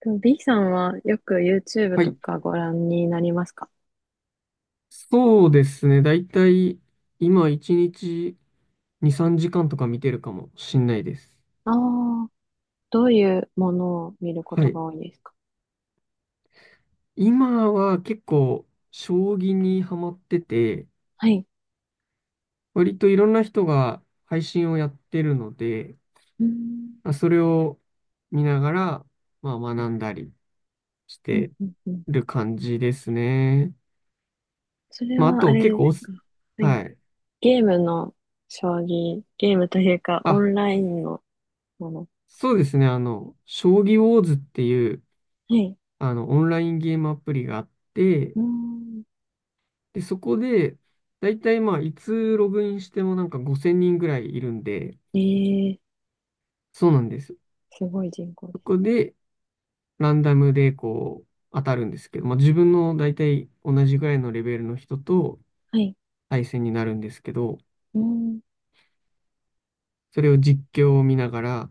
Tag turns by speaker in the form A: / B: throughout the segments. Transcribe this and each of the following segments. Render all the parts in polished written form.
A: で、 B さんはよく YouTube
B: は
A: と
B: い。
A: かご覧になりますか？
B: そうですね。だいたい今1日2、3時間とか見てるかもしんないです。
A: ああー、どういうものを見るこ
B: は
A: と
B: い。
A: が多いですか？
B: 今は結構将棋にハマってて、
A: はい。
B: 割といろんな人が配信をやってるので、
A: うーん、
B: まあそれを見ながら、まあ学んだりし
A: うん、
B: て
A: うん、うん。
B: る感じですね。
A: それ
B: まああ
A: はあ
B: と
A: れ
B: 結
A: で
B: 構
A: すか？はい。
B: はい。
A: ゲームの将棋、ゲームというかオ
B: あ、
A: ンラインのもの。
B: そうですね。あの、将棋ウォーズっていう、
A: はい。
B: あの、オンラインゲームアプリがあって、
A: うーん。
B: で、そこで、だいたいまあ、いつログインしてもなんか5000人ぐらいいるんで、
A: ええ。
B: そうなんですよ。
A: すごい人口で
B: そ
A: す。
B: こで、ランダムでこう、当たるんですけど、まあ、自分のだいたい同じぐらいのレベルの人と
A: はい。
B: 対戦になるんですけど、
A: うーん、
B: それを実況を見ながら、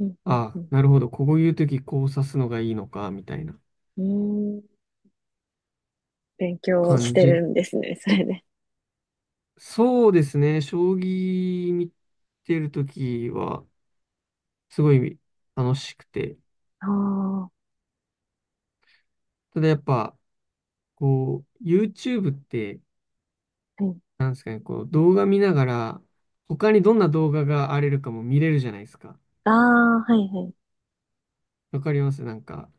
A: うん、うん、
B: あ
A: う
B: あ、
A: ん。
B: なるほど、こういう時こう指すのがいいのか、みたいな
A: うーん。勉強し
B: 感
A: て
B: じ。
A: るんですね、それで。
B: そうですね、将棋見てる時は、すごい楽しくて、
A: ああ、は
B: ただやっぱ、こう、YouTube って、
A: い。
B: なんですかね、こう動画見ながら、他にどんな動画があれるかも見れるじゃないですか。
A: ああ、はい、はい。
B: わかりますなんか、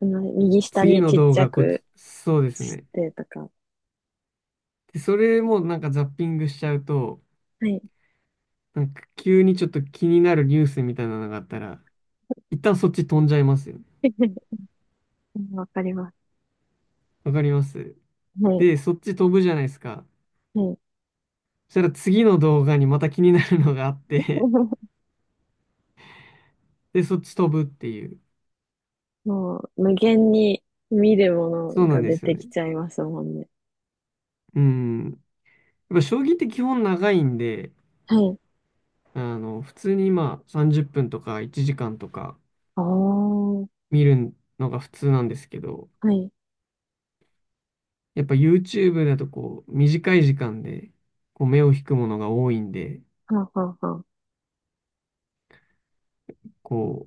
A: その右下
B: 次
A: に
B: の
A: ちっ
B: 動
A: ちゃ
B: 画こっ
A: く
B: ち、そうです
A: し
B: ね。
A: てとか。
B: で、それもなんかザッピングしちゃうと、
A: はい。
B: なんか急にちょっと気になるニュースみたいなのがあったら、一旦そっち飛んじゃいますよね。
A: わかります。
B: わかります
A: はい。
B: で、そっち飛ぶじゃないですか。
A: はい。
B: そしたら次の動画にまた気になるのがあって、で、そっち飛ぶっていう。
A: もう、無限に見るもの
B: そうな
A: が
B: んで
A: 出
B: すよ
A: てき
B: ね。
A: ちゃいますもんね。
B: うん。やっぱ将棋って基本長いんで、
A: はい。
B: あの、普通にまあ30分とか1時間とか
A: ああ、は
B: 見るのが普通なんですけど、
A: い。
B: やっぱ YouTube だとこう短い時間でこう目を引くものが多いんで、
A: はあ、はあ、はあ。
B: こ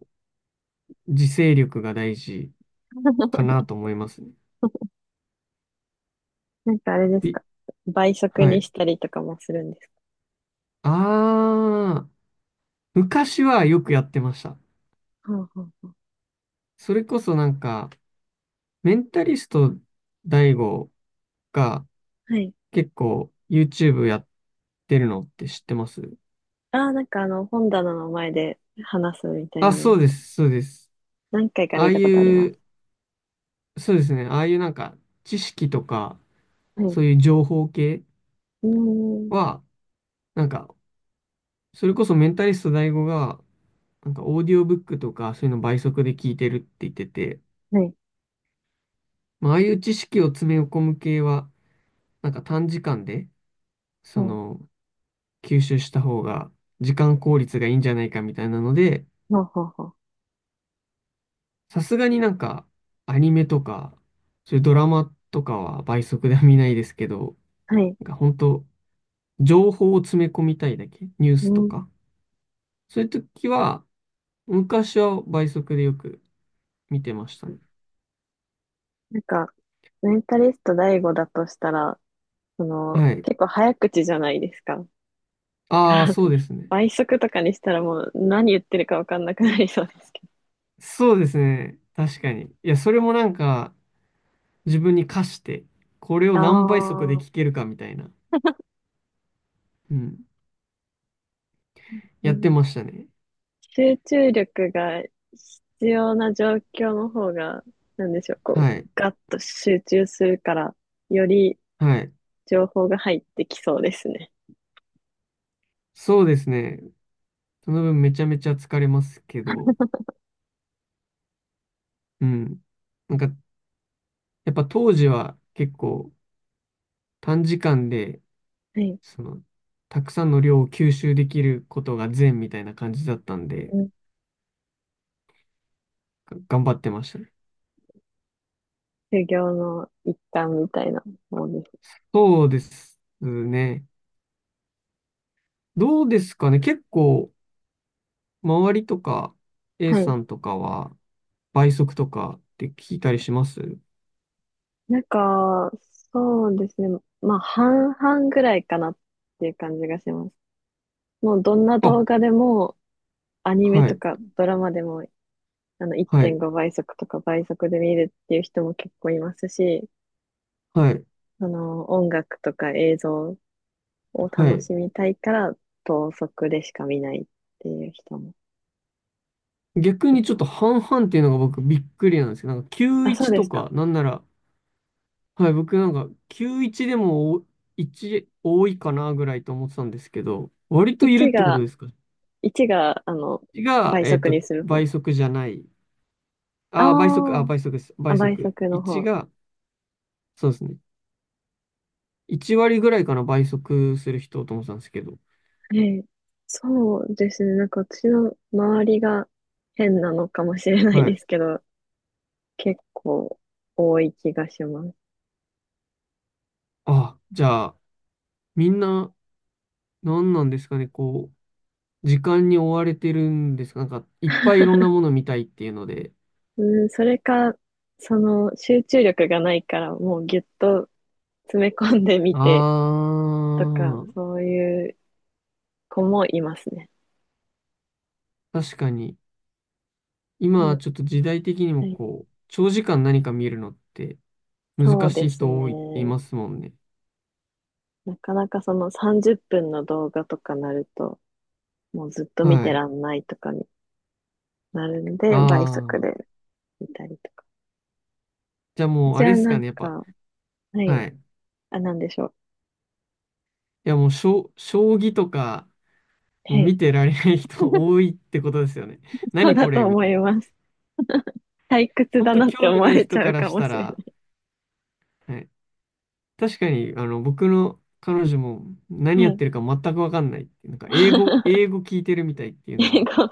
B: う自制力が大事か なと思いますね。
A: なんかあれですか？
B: び
A: 倍速
B: は
A: に
B: い。
A: したりとかもするんですか？
B: ああ、昔はよくやってました。
A: はあ、はあ、は
B: それこそなんか、メンタリストダイゴが
A: あ。はい。
B: 結構 YouTube やってるのって知ってます？
A: ああ、なんか本棚の前で話すみたい
B: あ、
A: な
B: そ
A: の、
B: うです、そうです。
A: 何回か
B: あ
A: 見
B: あい
A: たことあります。
B: うそうですね。ああいうなんか知識とか、
A: はい。
B: そういう情報系
A: うーん。
B: は、なんか、それこそメンタリスト大吾が、なんかオーディオブックとか、そういうの倍速で聞いてるって言ってて、
A: はい。
B: まあ、ああいう知識を詰め込む系は、なんか短時間で、そ
A: は
B: の、吸収した方が、時間効率がいいんじゃないかみたいなので、
A: あ、はあ、はあ。は
B: さすがになんか、アニメとか、そういうドラマとかは倍速では見ないですけど、
A: あ、はい。
B: なんか本当情報を詰め込みたいだけ、ニュー
A: う
B: スと
A: ん。
B: か。そういう時は、昔は倍速でよく見てましたね。
A: なんか、メンタリスト大吾だとしたら、その、
B: はい。
A: 結構早口じゃないですか。だか
B: ああ、
A: ら、
B: そうですね。
A: 倍速とかにしたらもう何言ってるかわかんなくなりそうですけど。
B: そうですね。確かに。いや、それもなんか、自分に課して、これを
A: あ
B: 何倍速で
A: あ、
B: 聞けるかみたいな、うん、
A: う
B: やって
A: ん。
B: ましたね。
A: 集中力が必要な状況の方が、なんでしょう、こう、
B: はい。
A: ガッと集中するから、より
B: はい。
A: 情報が入ってきそうですね。
B: そうですね。その分めちゃめちゃ疲れますけど、うん。なんか、やっぱ当時は結構短時間で、
A: はい。
B: その、たくさんの量を吸収できることが善みたいな感じだったんで、
A: うん。
B: 頑張ってましたね。
A: 修行の一環みたいなものです。
B: そうですね。どうですかね。結構、周りとか、A
A: はい。
B: さんとかは、倍速とかって聞いたりします？
A: なんか、そうですね。まあ、半々ぐらいかなっていう感じがします。もうどんな
B: あ、
A: 動画でも、アニメ
B: は
A: と
B: い、
A: かドラマでも、
B: は
A: 1.5
B: い、
A: 倍速とか倍速で見るっていう人も結構いますし、
B: はい、
A: その、音楽とか映像を
B: は
A: 楽
B: い。
A: しみたいから、等速でしか見ないっていう人も
B: 逆
A: い
B: にちょっ
A: ま
B: と
A: す。
B: 半々っていうのが僕びっくりなんですけど、なんか
A: あ、そう
B: 91
A: で
B: と
A: すか。
B: か、なんなら、はい、僕なんか91でもお1多いかなぐらいと思ってたんですけど、割といるっ
A: 1
B: てこと
A: が、
B: ですか？
A: 1が、
B: が、
A: 倍
B: えっ
A: 速
B: と、
A: にする方。
B: 倍速じゃない。
A: あ
B: ああ、倍速、あ、
A: ー
B: 倍速です。
A: あ、
B: 倍
A: 倍
B: 速。
A: 速の
B: 1
A: 方。
B: が、そうですね。1割ぐらいかな、倍速する人と思ってたんですけど。
A: ええ、そうですね。なんか私の周りが変なのかもしれない
B: は
A: で
B: い。
A: すけど、結構多い気がします。
B: あ、じゃあ、みんな、何なんですかね、こう、時間に追われてるんですか？なんか、いっぱいいろんなもの見たいっていうので。
A: うん、それか、その集中力がないからもうぎゅっと詰め込んでみ
B: あ
A: てとか、
B: あ、
A: そういう子もいますね。
B: 確かに。
A: う
B: 今、
A: ん、
B: ちょっと時代的に
A: は
B: も
A: い、
B: こう、長時間何か見るのって
A: そ
B: 難
A: うで
B: しい
A: す
B: 人多いって言い
A: ね。
B: ますもんね。
A: なかなかその30分の動画とかなると、もうずっと見
B: は
A: て
B: い。
A: らんないとかになるんで、倍速
B: ああ、
A: で見たりとか。
B: じゃあもう、
A: じ
B: あ
A: ゃ
B: れ
A: あ
B: です
A: な
B: か
A: ん
B: ね、やっぱ。
A: か、は
B: は
A: い。
B: い。
A: あ、なんでしょう。
B: いやもう、将棋とか、も
A: は
B: う
A: い。
B: 見てられない人 多いってことですよね。
A: そう
B: 何
A: だ
B: こ
A: と
B: れみ
A: 思
B: たい
A: い
B: な。
A: ます。退屈
B: 本
A: だ
B: 当
A: なって
B: 興
A: 思
B: 味
A: わ
B: ない
A: れち
B: 人
A: ゃ
B: か
A: う
B: ら
A: か
B: し
A: も
B: た
A: しれ
B: ら、はい。確かに、あの、僕の彼女も何
A: ない。
B: やっ
A: はい。
B: てるか全くわかんないっていう。なんか、英語聞いてるみたいってい うの
A: 英
B: は、
A: 語、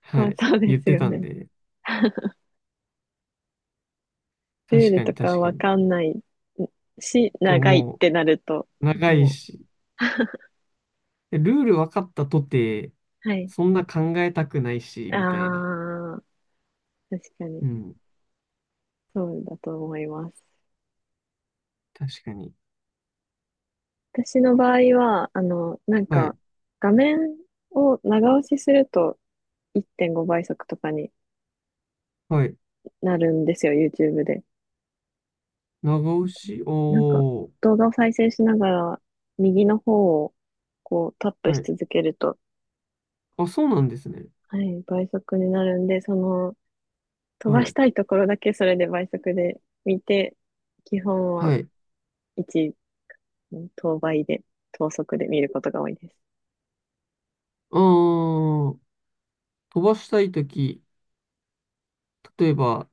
B: は
A: もう
B: い、
A: そうで
B: 言っ
A: す
B: て
A: よ
B: たん
A: ね。
B: で、
A: ルー
B: 確
A: ル
B: か
A: と
B: に
A: か
B: 確か
A: わ
B: に。
A: かんないし、
B: と、
A: 長いっ
B: も
A: てなると、
B: う、長い
A: もう、
B: し、でルール分かったとて、
A: はい。
B: そんな考えたくないし、
A: あ
B: みたいな。
A: あ、確かに、
B: うん、
A: そうだと思います。
B: 確かに。
A: 私の場合は、なん
B: はい、
A: か、画面を長押しすると1.5倍速とかに
B: はい。
A: なるんですよ、YouTube で。
B: 長押し、
A: なんか、
B: おー。
A: 動画を再生しながら、右の方を、こう、タップ
B: は
A: し
B: い。
A: 続けると、
B: あ、そうなんですね。
A: はい、倍速になるんで、その、飛
B: は
A: ばし
B: い。
A: たいところだけそれで倍速で見て、基本は
B: はい。
A: 1、等倍で、等速で見ることが多いです。
B: あー、飛ばしたいとき、例えば、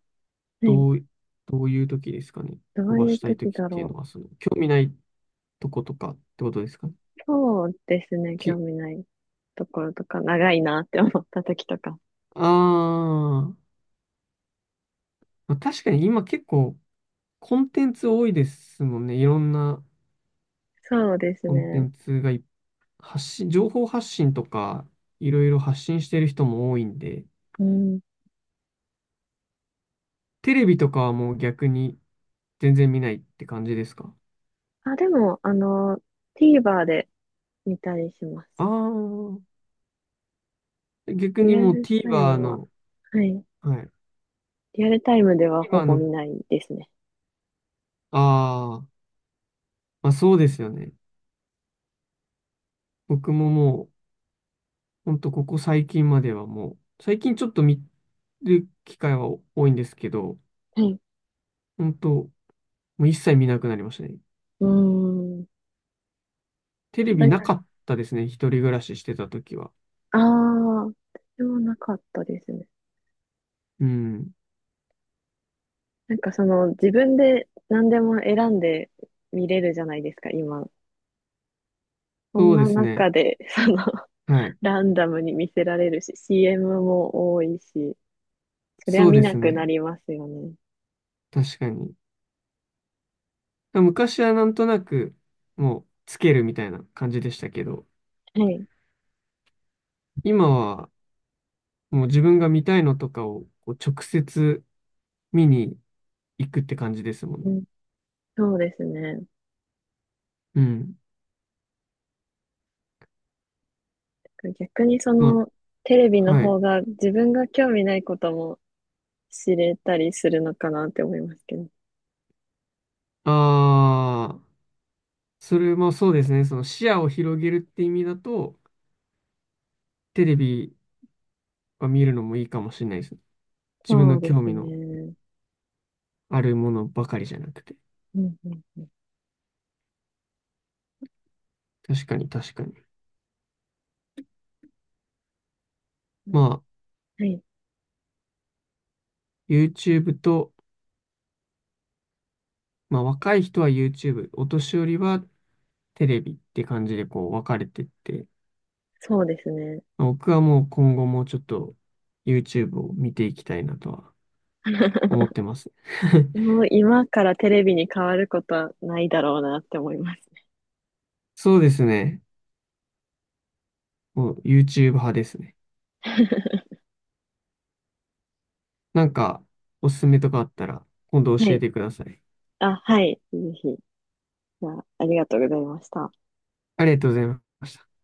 A: はい。
B: どう、どういうときですかね。
A: ど
B: 飛
A: う
B: ば
A: いう
B: したいと
A: 時
B: きっ
A: だ
B: ていうの
A: ろ
B: は、その、興味ないとことかってことですかね。
A: う。そうですね、興
B: き、
A: 味ないところとか、長いなって思った時とか。
B: あー、まあ確かに今結構、コンテンツ多いですもんね。いろんな
A: そうです
B: コンテ
A: ね。
B: ンツが発信、情報発信とか、いろいろ発信してる人も多いんで、
A: うん。
B: テレビとかはもう逆に全然見ないって感じですか？
A: あ、でも、TVer で見たりします。
B: ああー、逆
A: リ
B: に
A: ア
B: もう
A: ルタイ
B: TVer
A: ムは、
B: の、
A: はい。
B: はい。
A: リアルタイムではほ
B: TVer
A: ぼ
B: の、
A: 見ないですね。
B: ああ、まあそうですよね。僕ももう、ほんとここ最近まではもう、最近ちょっと見る機会は多いんですけど、
A: はい。
B: 本当もう一切見なくなりましたね。
A: うーん。や
B: テレ
A: っぱ
B: ビ
A: り
B: な
A: な、
B: かったですね。一人暮らししてた時は。
A: ああ、でもなかったですね。
B: うん。
A: なんかその自分で何でも選んで見れるじゃないですか、今。そん
B: そうで
A: な
B: す
A: 中
B: ね。
A: で、その、
B: はい。
A: ランダムに見せられるし、CM も多いし、そりゃ
B: そう
A: 見
B: で
A: な
B: す
A: くな
B: ね。
A: りますよね。
B: 確かに。昔はなんとなく、もう、つけるみたいな感じでしたけど、
A: はい。
B: 今は、もう自分が見たいのとかをこう直接見に行くって感じですもん
A: う
B: ね。
A: ん、そうですね。
B: うん。
A: 逆にそ
B: ま
A: の、テレビ
B: あ、
A: の
B: はい。
A: 方が自分が興味ないことも知れたりするのかなって思いますけど。
B: ああ、それもそうですね。その視野を広げるって意味だと、テレビは見るのもいいかもしれないですね。自分
A: そ
B: の
A: うで
B: 興
A: す
B: 味の
A: ね。
B: あるものばかりじゃなくて。
A: うんうんうん
B: 確かに確かに。
A: う
B: ま
A: ん。
B: あ、
A: はい。
B: YouTube と、まあ若い人は YouTube、お年寄りはテレビって感じでこう分かれてって、
A: そうですね。
B: まあ僕はもう今後もちょっと YouTube を見ていきたいなとは 思ってます。
A: もう今からテレビに変わることはないだろうなって思いますね。
B: そうですね。もう YouTube 派ですね。なんか、おすすめとかあったら、今度
A: は
B: 教え
A: い。
B: てください。
A: あ、はい。ぜひ。じゃあ、ありがとうございました。
B: ありがとうございました。